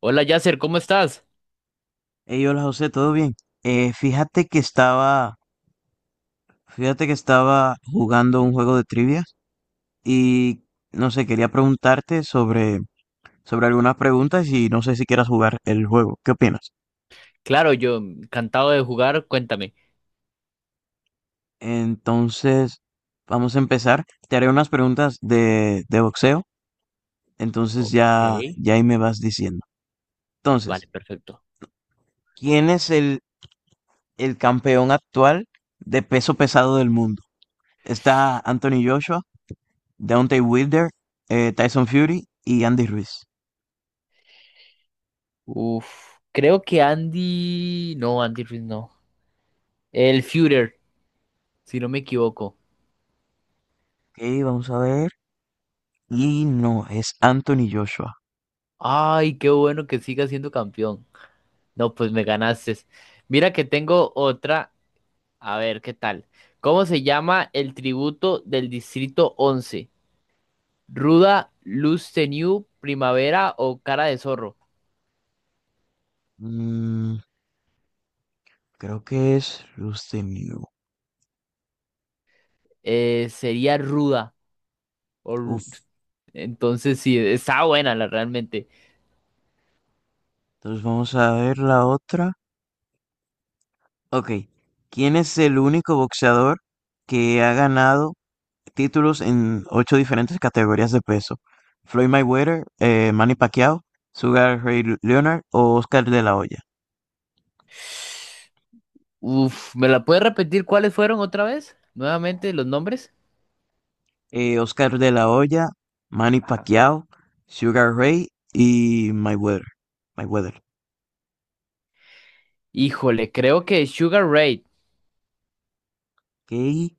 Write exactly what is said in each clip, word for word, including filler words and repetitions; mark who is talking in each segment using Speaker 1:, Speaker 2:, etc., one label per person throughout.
Speaker 1: Hola Yasser, ¿cómo estás?
Speaker 2: Ey, hola José, ¿todo bien? Eh, fíjate que estaba, fíjate que estaba jugando un juego de trivias y no sé, quería preguntarte sobre, sobre algunas preguntas y no sé si quieras jugar el juego. ¿Qué opinas?
Speaker 1: Claro, yo encantado de jugar, cuéntame.
Speaker 2: Entonces, vamos a empezar. Te haré unas preguntas de, de boxeo, entonces
Speaker 1: Ok,
Speaker 2: ya, ya ahí me vas diciendo.
Speaker 1: vale,
Speaker 2: Entonces,
Speaker 1: perfecto.
Speaker 2: ¿quién es el, el campeón actual de peso pesado del mundo? ¿Está Anthony Joshua? Deontay Wilder, eh, Tyson Fury y Andy Ruiz.
Speaker 1: Uf, creo que Andy... No, Andy Ruiz no. El Führer, si no me equivoco.
Speaker 2: Ok, vamos a ver. Y no, es Anthony Joshua.
Speaker 1: Ay, qué bueno que siga siendo campeón. No, pues me ganaste. Mira que tengo otra. A ver, ¿qué tal? ¿Cómo se llama el tributo del Distrito once? ¿Ruda, Luz Tenue, Primavera o Cara de Zorro?
Speaker 2: Mm, creo que es Rustem Yu.
Speaker 1: Eh, sería Ruda. O,
Speaker 2: Uf,
Speaker 1: entonces sí, está buena la realmente.
Speaker 2: entonces vamos a ver la otra. Ok, ¿quién es el único boxeador que ha ganado títulos en ocho diferentes categorías de peso? Floyd Mayweather, eh, Manny Pacquiao, Sugar Ray Leonard o Oscar de la Hoya.
Speaker 1: Uf, ¿me la puedes repetir cuáles fueron otra vez? Nuevamente, los nombres.
Speaker 2: eh, Oscar de la Hoya, Manny
Speaker 1: Ajá.
Speaker 2: Pacquiao, Sugar Ray y Mayweather. Mayweather.
Speaker 1: Híjole, creo que Sugar Ray.
Speaker 2: Que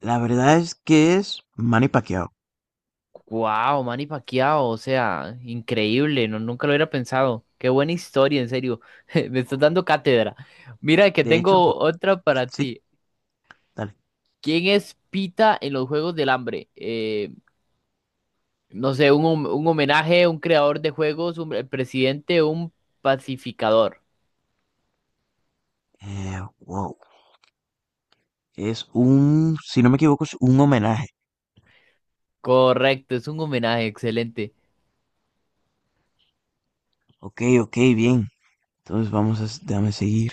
Speaker 2: la verdad es que es Manny Pacquiao.
Speaker 1: Wow, Manny Pacquiao, o sea, increíble, no, nunca lo hubiera pensado. Qué buena historia, en serio. Me estás dando cátedra. Mira que
Speaker 2: De hecho,
Speaker 1: tengo
Speaker 2: po-
Speaker 1: otra para
Speaker 2: sí,
Speaker 1: ti.
Speaker 2: dale.
Speaker 1: ¿Quién es Pita en los Juegos del Hambre? Eh, no sé, un, hom- un homenaje, un creador de juegos, un el presidente, un pacificador.
Speaker 2: Eh, wow. Es un, si no me equivoco, es un homenaje.
Speaker 1: Correcto, es un homenaje, excelente.
Speaker 2: Ok, ok, bien. Entonces vamos a, s- déjame seguir.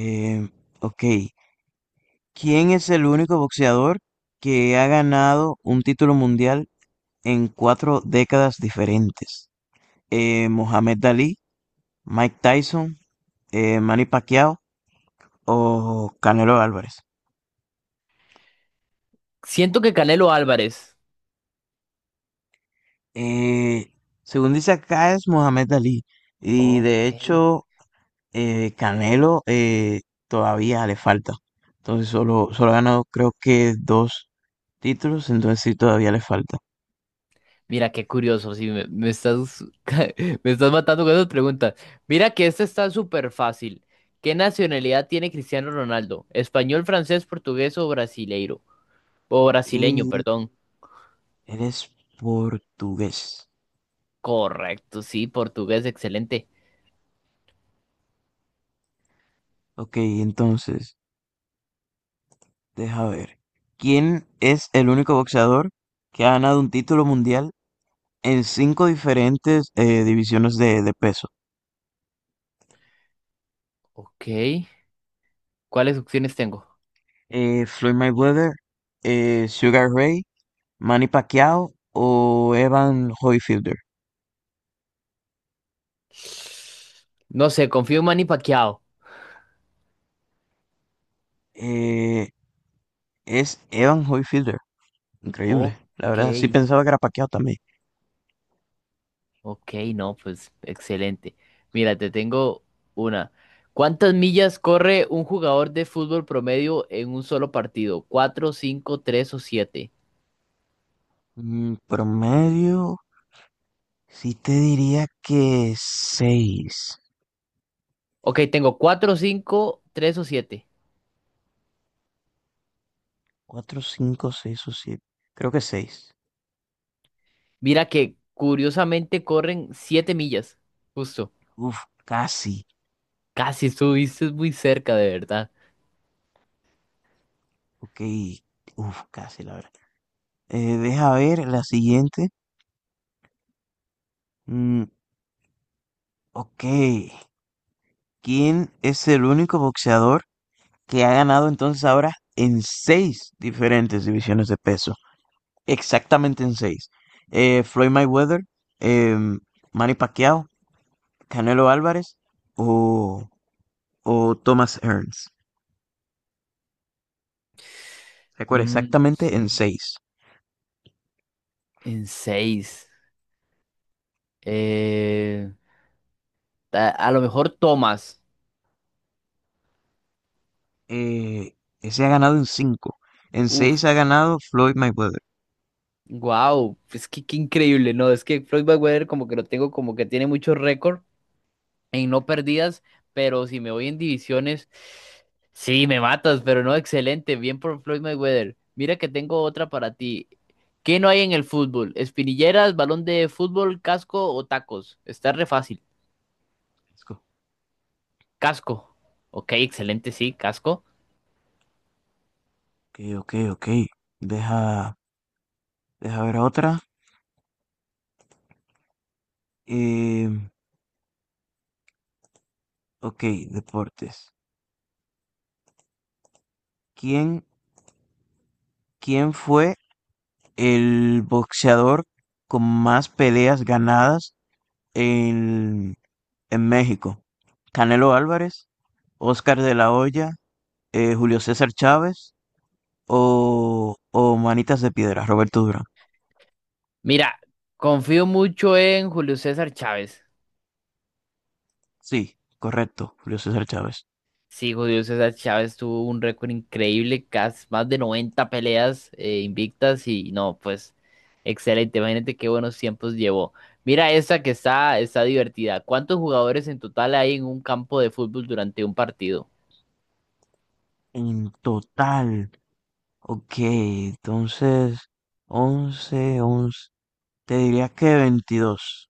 Speaker 2: Eh, ok. ¿Quién es el único boxeador que ha ganado un título mundial en cuatro décadas diferentes? Eh, Mohamed Ali. Mike Tyson, eh, Manny Pacquiao o Canelo Álvarez.
Speaker 1: Siento que Canelo Álvarez.
Speaker 2: Eh, Según dice acá es Mohamed Ali y
Speaker 1: Ok.
Speaker 2: de hecho eh, Canelo eh, todavía le falta. Entonces solo, solo ha ganado creo que dos títulos, entonces sí todavía le falta.
Speaker 1: Mira, qué curioso, sí, me, me estás, me estás matando con esas preguntas. Mira que esta está súper fácil. ¿Qué nacionalidad tiene Cristiano Ronaldo? ¿Español, francés, portugués o brasileiro? O brasileño,
Speaker 2: Él,
Speaker 1: perdón.
Speaker 2: él es portugués.
Speaker 1: Correcto, sí, portugués, excelente.
Speaker 2: Ok, entonces, deja ver. ¿Quién es el único boxeador que ha ganado un título mundial en cinco diferentes eh, divisiones de, de peso.
Speaker 1: Ok. ¿Cuáles opciones tengo?
Speaker 2: Eh, Floyd Mayweather, eh, Sugar Ray, Manny Pacquiao o Evan Hoyfielder.
Speaker 1: No sé, confío en Manny Pacquiao.
Speaker 2: Eh, es Evan Hoyfielder. Increíble. La
Speaker 1: Ok.
Speaker 2: verdad, sí pensaba que era Pacquiao también.
Speaker 1: Ok, no, pues excelente. Mira, te tengo una. ¿Cuántas millas corre un jugador de fútbol promedio en un solo partido? ¿Cuatro, cinco, tres o siete?
Speaker 2: Mm, promedio, sí te diría que seis
Speaker 1: Ok, tengo cuatro, cinco, tres o siete.
Speaker 2: cuatro cinco seis o siete. Creo que seis.
Speaker 1: Mira que curiosamente corren siete millas. Justo.
Speaker 2: Uf, casi.
Speaker 1: Casi estuviste muy cerca, de verdad.
Speaker 2: Ok. Uf, casi, la verdad. Eh, deja ver la siguiente. Mm, Ok, ¿quién es el único boxeador que ha ganado entonces ahora en seis diferentes divisiones de peso? Exactamente en seis. Eh, Floyd Mayweather, em, Manny Pacquiao, Canelo Álvarez o, o Thomas Hearns. Recuerda,
Speaker 1: Mm,
Speaker 2: exactamente en seis.
Speaker 1: en seis. Eh, a, a lo mejor Tomás.
Speaker 2: Eh, Ese ha ganado en cinco. En
Speaker 1: Uf.
Speaker 2: seis ha ganado Floyd Mayweather.
Speaker 1: Wow, es que qué increíble, ¿no? Es que Floyd Mayweather como que lo tengo como que tiene muchos récords en no perdidas, pero si me voy en divisiones, sí, me matas, pero no, excelente, bien por Floyd Mayweather. Mira que tengo otra para ti. ¿Qué no hay en el fútbol? ¿Espinilleras, balón de fútbol, casco o tacos? Está re fácil.
Speaker 2: Let's go.
Speaker 1: Casco. Ok, excelente, sí, casco.
Speaker 2: Ok, ok, ok. Deja, deja ver otra. Em, Ok, deportes. ¿Quién, quién fue el boxeador con más peleas ganadas en, en México? ¿Canelo Álvarez, Oscar de la Hoya, eh, Julio César Chávez o, o Manitas de Piedra, Roberto Durán?
Speaker 1: Mira, confío mucho en Julio César Chávez.
Speaker 2: Sí, correcto, Julio César Chávez.
Speaker 1: Sí, Julio César Chávez tuvo un récord increíble, casi más de noventa peleas eh, invictas y no, pues excelente, imagínate qué buenos tiempos llevó. Mira esa que está, está divertida. ¿Cuántos jugadores en total hay en un campo de fútbol durante un partido?
Speaker 2: En total, ok, entonces once, once. Te diría que veintidós.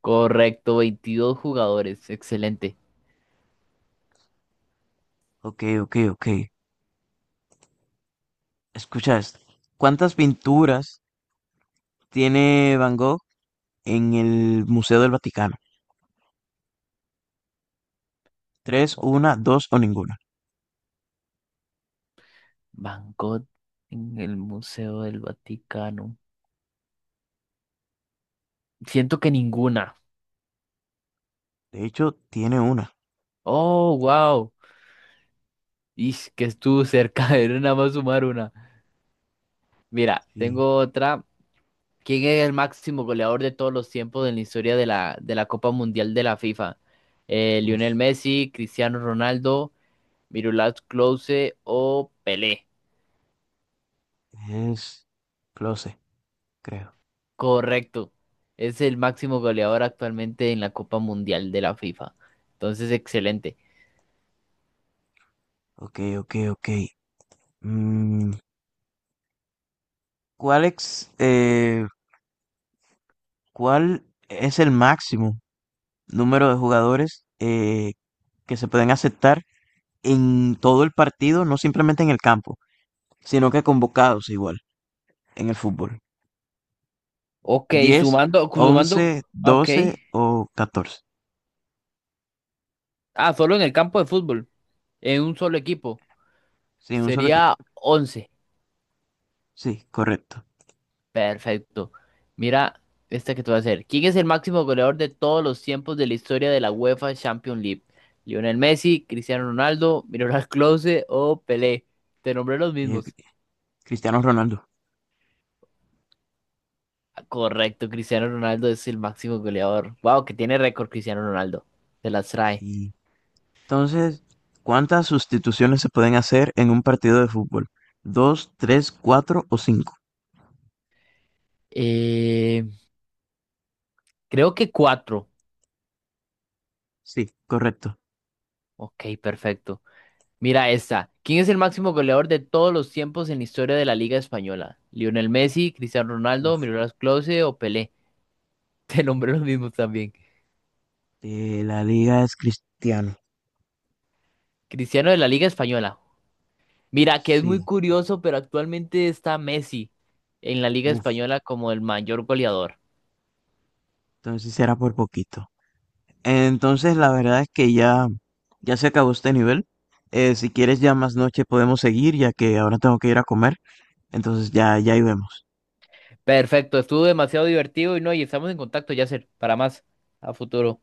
Speaker 1: Correcto, veintidós jugadores, excelente.
Speaker 2: Ok, ok, ok. Escucha esto. ¿Cuántas pinturas tiene Van Gogh en el Museo del Vaticano? Tres,
Speaker 1: Oh,
Speaker 2: una, dos o ninguna.
Speaker 1: Van en el Museo del Vaticano. Siento que ninguna.
Speaker 2: De hecho, tiene una.
Speaker 1: Oh, wow. Y que estuvo cerca de nada más sumar una. Mira,
Speaker 2: Sí.
Speaker 1: tengo otra. ¿Quién es el máximo goleador de todos los tiempos en la historia de la, de la Copa Mundial de la FIFA? Eh, ¿Lionel
Speaker 2: Uf,
Speaker 1: Messi, Cristiano Ronaldo, Miroslav Klose o Pelé?
Speaker 2: es close, creo.
Speaker 1: Correcto. Es el máximo goleador actualmente en la Copa Mundial de la FIFA. Entonces, excelente.
Speaker 2: Ok, ok, ok. Mm, ¿Cuál ex- eh, cuál es el máximo número de jugadores eh, que se pueden aceptar en todo el partido, no simplemente en el campo, sino que convocados igual en el fútbol?
Speaker 1: Ok,
Speaker 2: Diez,
Speaker 1: sumando,
Speaker 2: once,
Speaker 1: sumando, ok.
Speaker 2: doce o catorce.
Speaker 1: Ah, solo en el campo de fútbol, en un solo equipo.
Speaker 2: Sí, un solo
Speaker 1: Sería
Speaker 2: equipo.
Speaker 1: once.
Speaker 2: Sí, correcto.
Speaker 1: Perfecto. Mira, esta que te voy a hacer. ¿Quién es el máximo goleador de todos los tiempos de la historia de la UEFA Champions League? ¿Lionel Messi, Cristiano Ronaldo, Miroslav Klose o Pelé? Te nombré los
Speaker 2: Eh, Cri-
Speaker 1: mismos.
Speaker 2: Cristiano Ronaldo.
Speaker 1: Ah, correcto, Cristiano Ronaldo es el máximo goleador. Wow, que tiene récord Cristiano Ronaldo. Se las trae.
Speaker 2: Sí. Entonces, ¿cuántas sustituciones se pueden hacer en un partido de fútbol? ¿Dos, tres, cuatro o cinco?
Speaker 1: Eh, Creo que cuatro.
Speaker 2: Sí, correcto.
Speaker 1: Ok, perfecto. Mira esta. ¿Quién es el máximo goleador de todos los tiempos en la historia de la Liga Española? ¿Lionel Messi, Cristiano Ronaldo,
Speaker 2: Uf,
Speaker 1: Miroslav Klose o Pelé? Te nombré los mismos también.
Speaker 2: eh, la liga es Cristiano.
Speaker 1: Cristiano de la Liga Española. Mira, que es muy
Speaker 2: Sí.
Speaker 1: curioso, pero actualmente está Messi en la Liga
Speaker 2: Uf,
Speaker 1: Española como el mayor goleador.
Speaker 2: entonces era por poquito. Entonces, la verdad es que ya, ya se acabó este nivel. Eh, si quieres, ya más noche podemos seguir, ya que ahora tengo que ir a comer. Entonces, ya, ya ahí vemos.
Speaker 1: Perfecto, estuvo demasiado divertido y no, y estamos en contacto, Yasser, para más a futuro.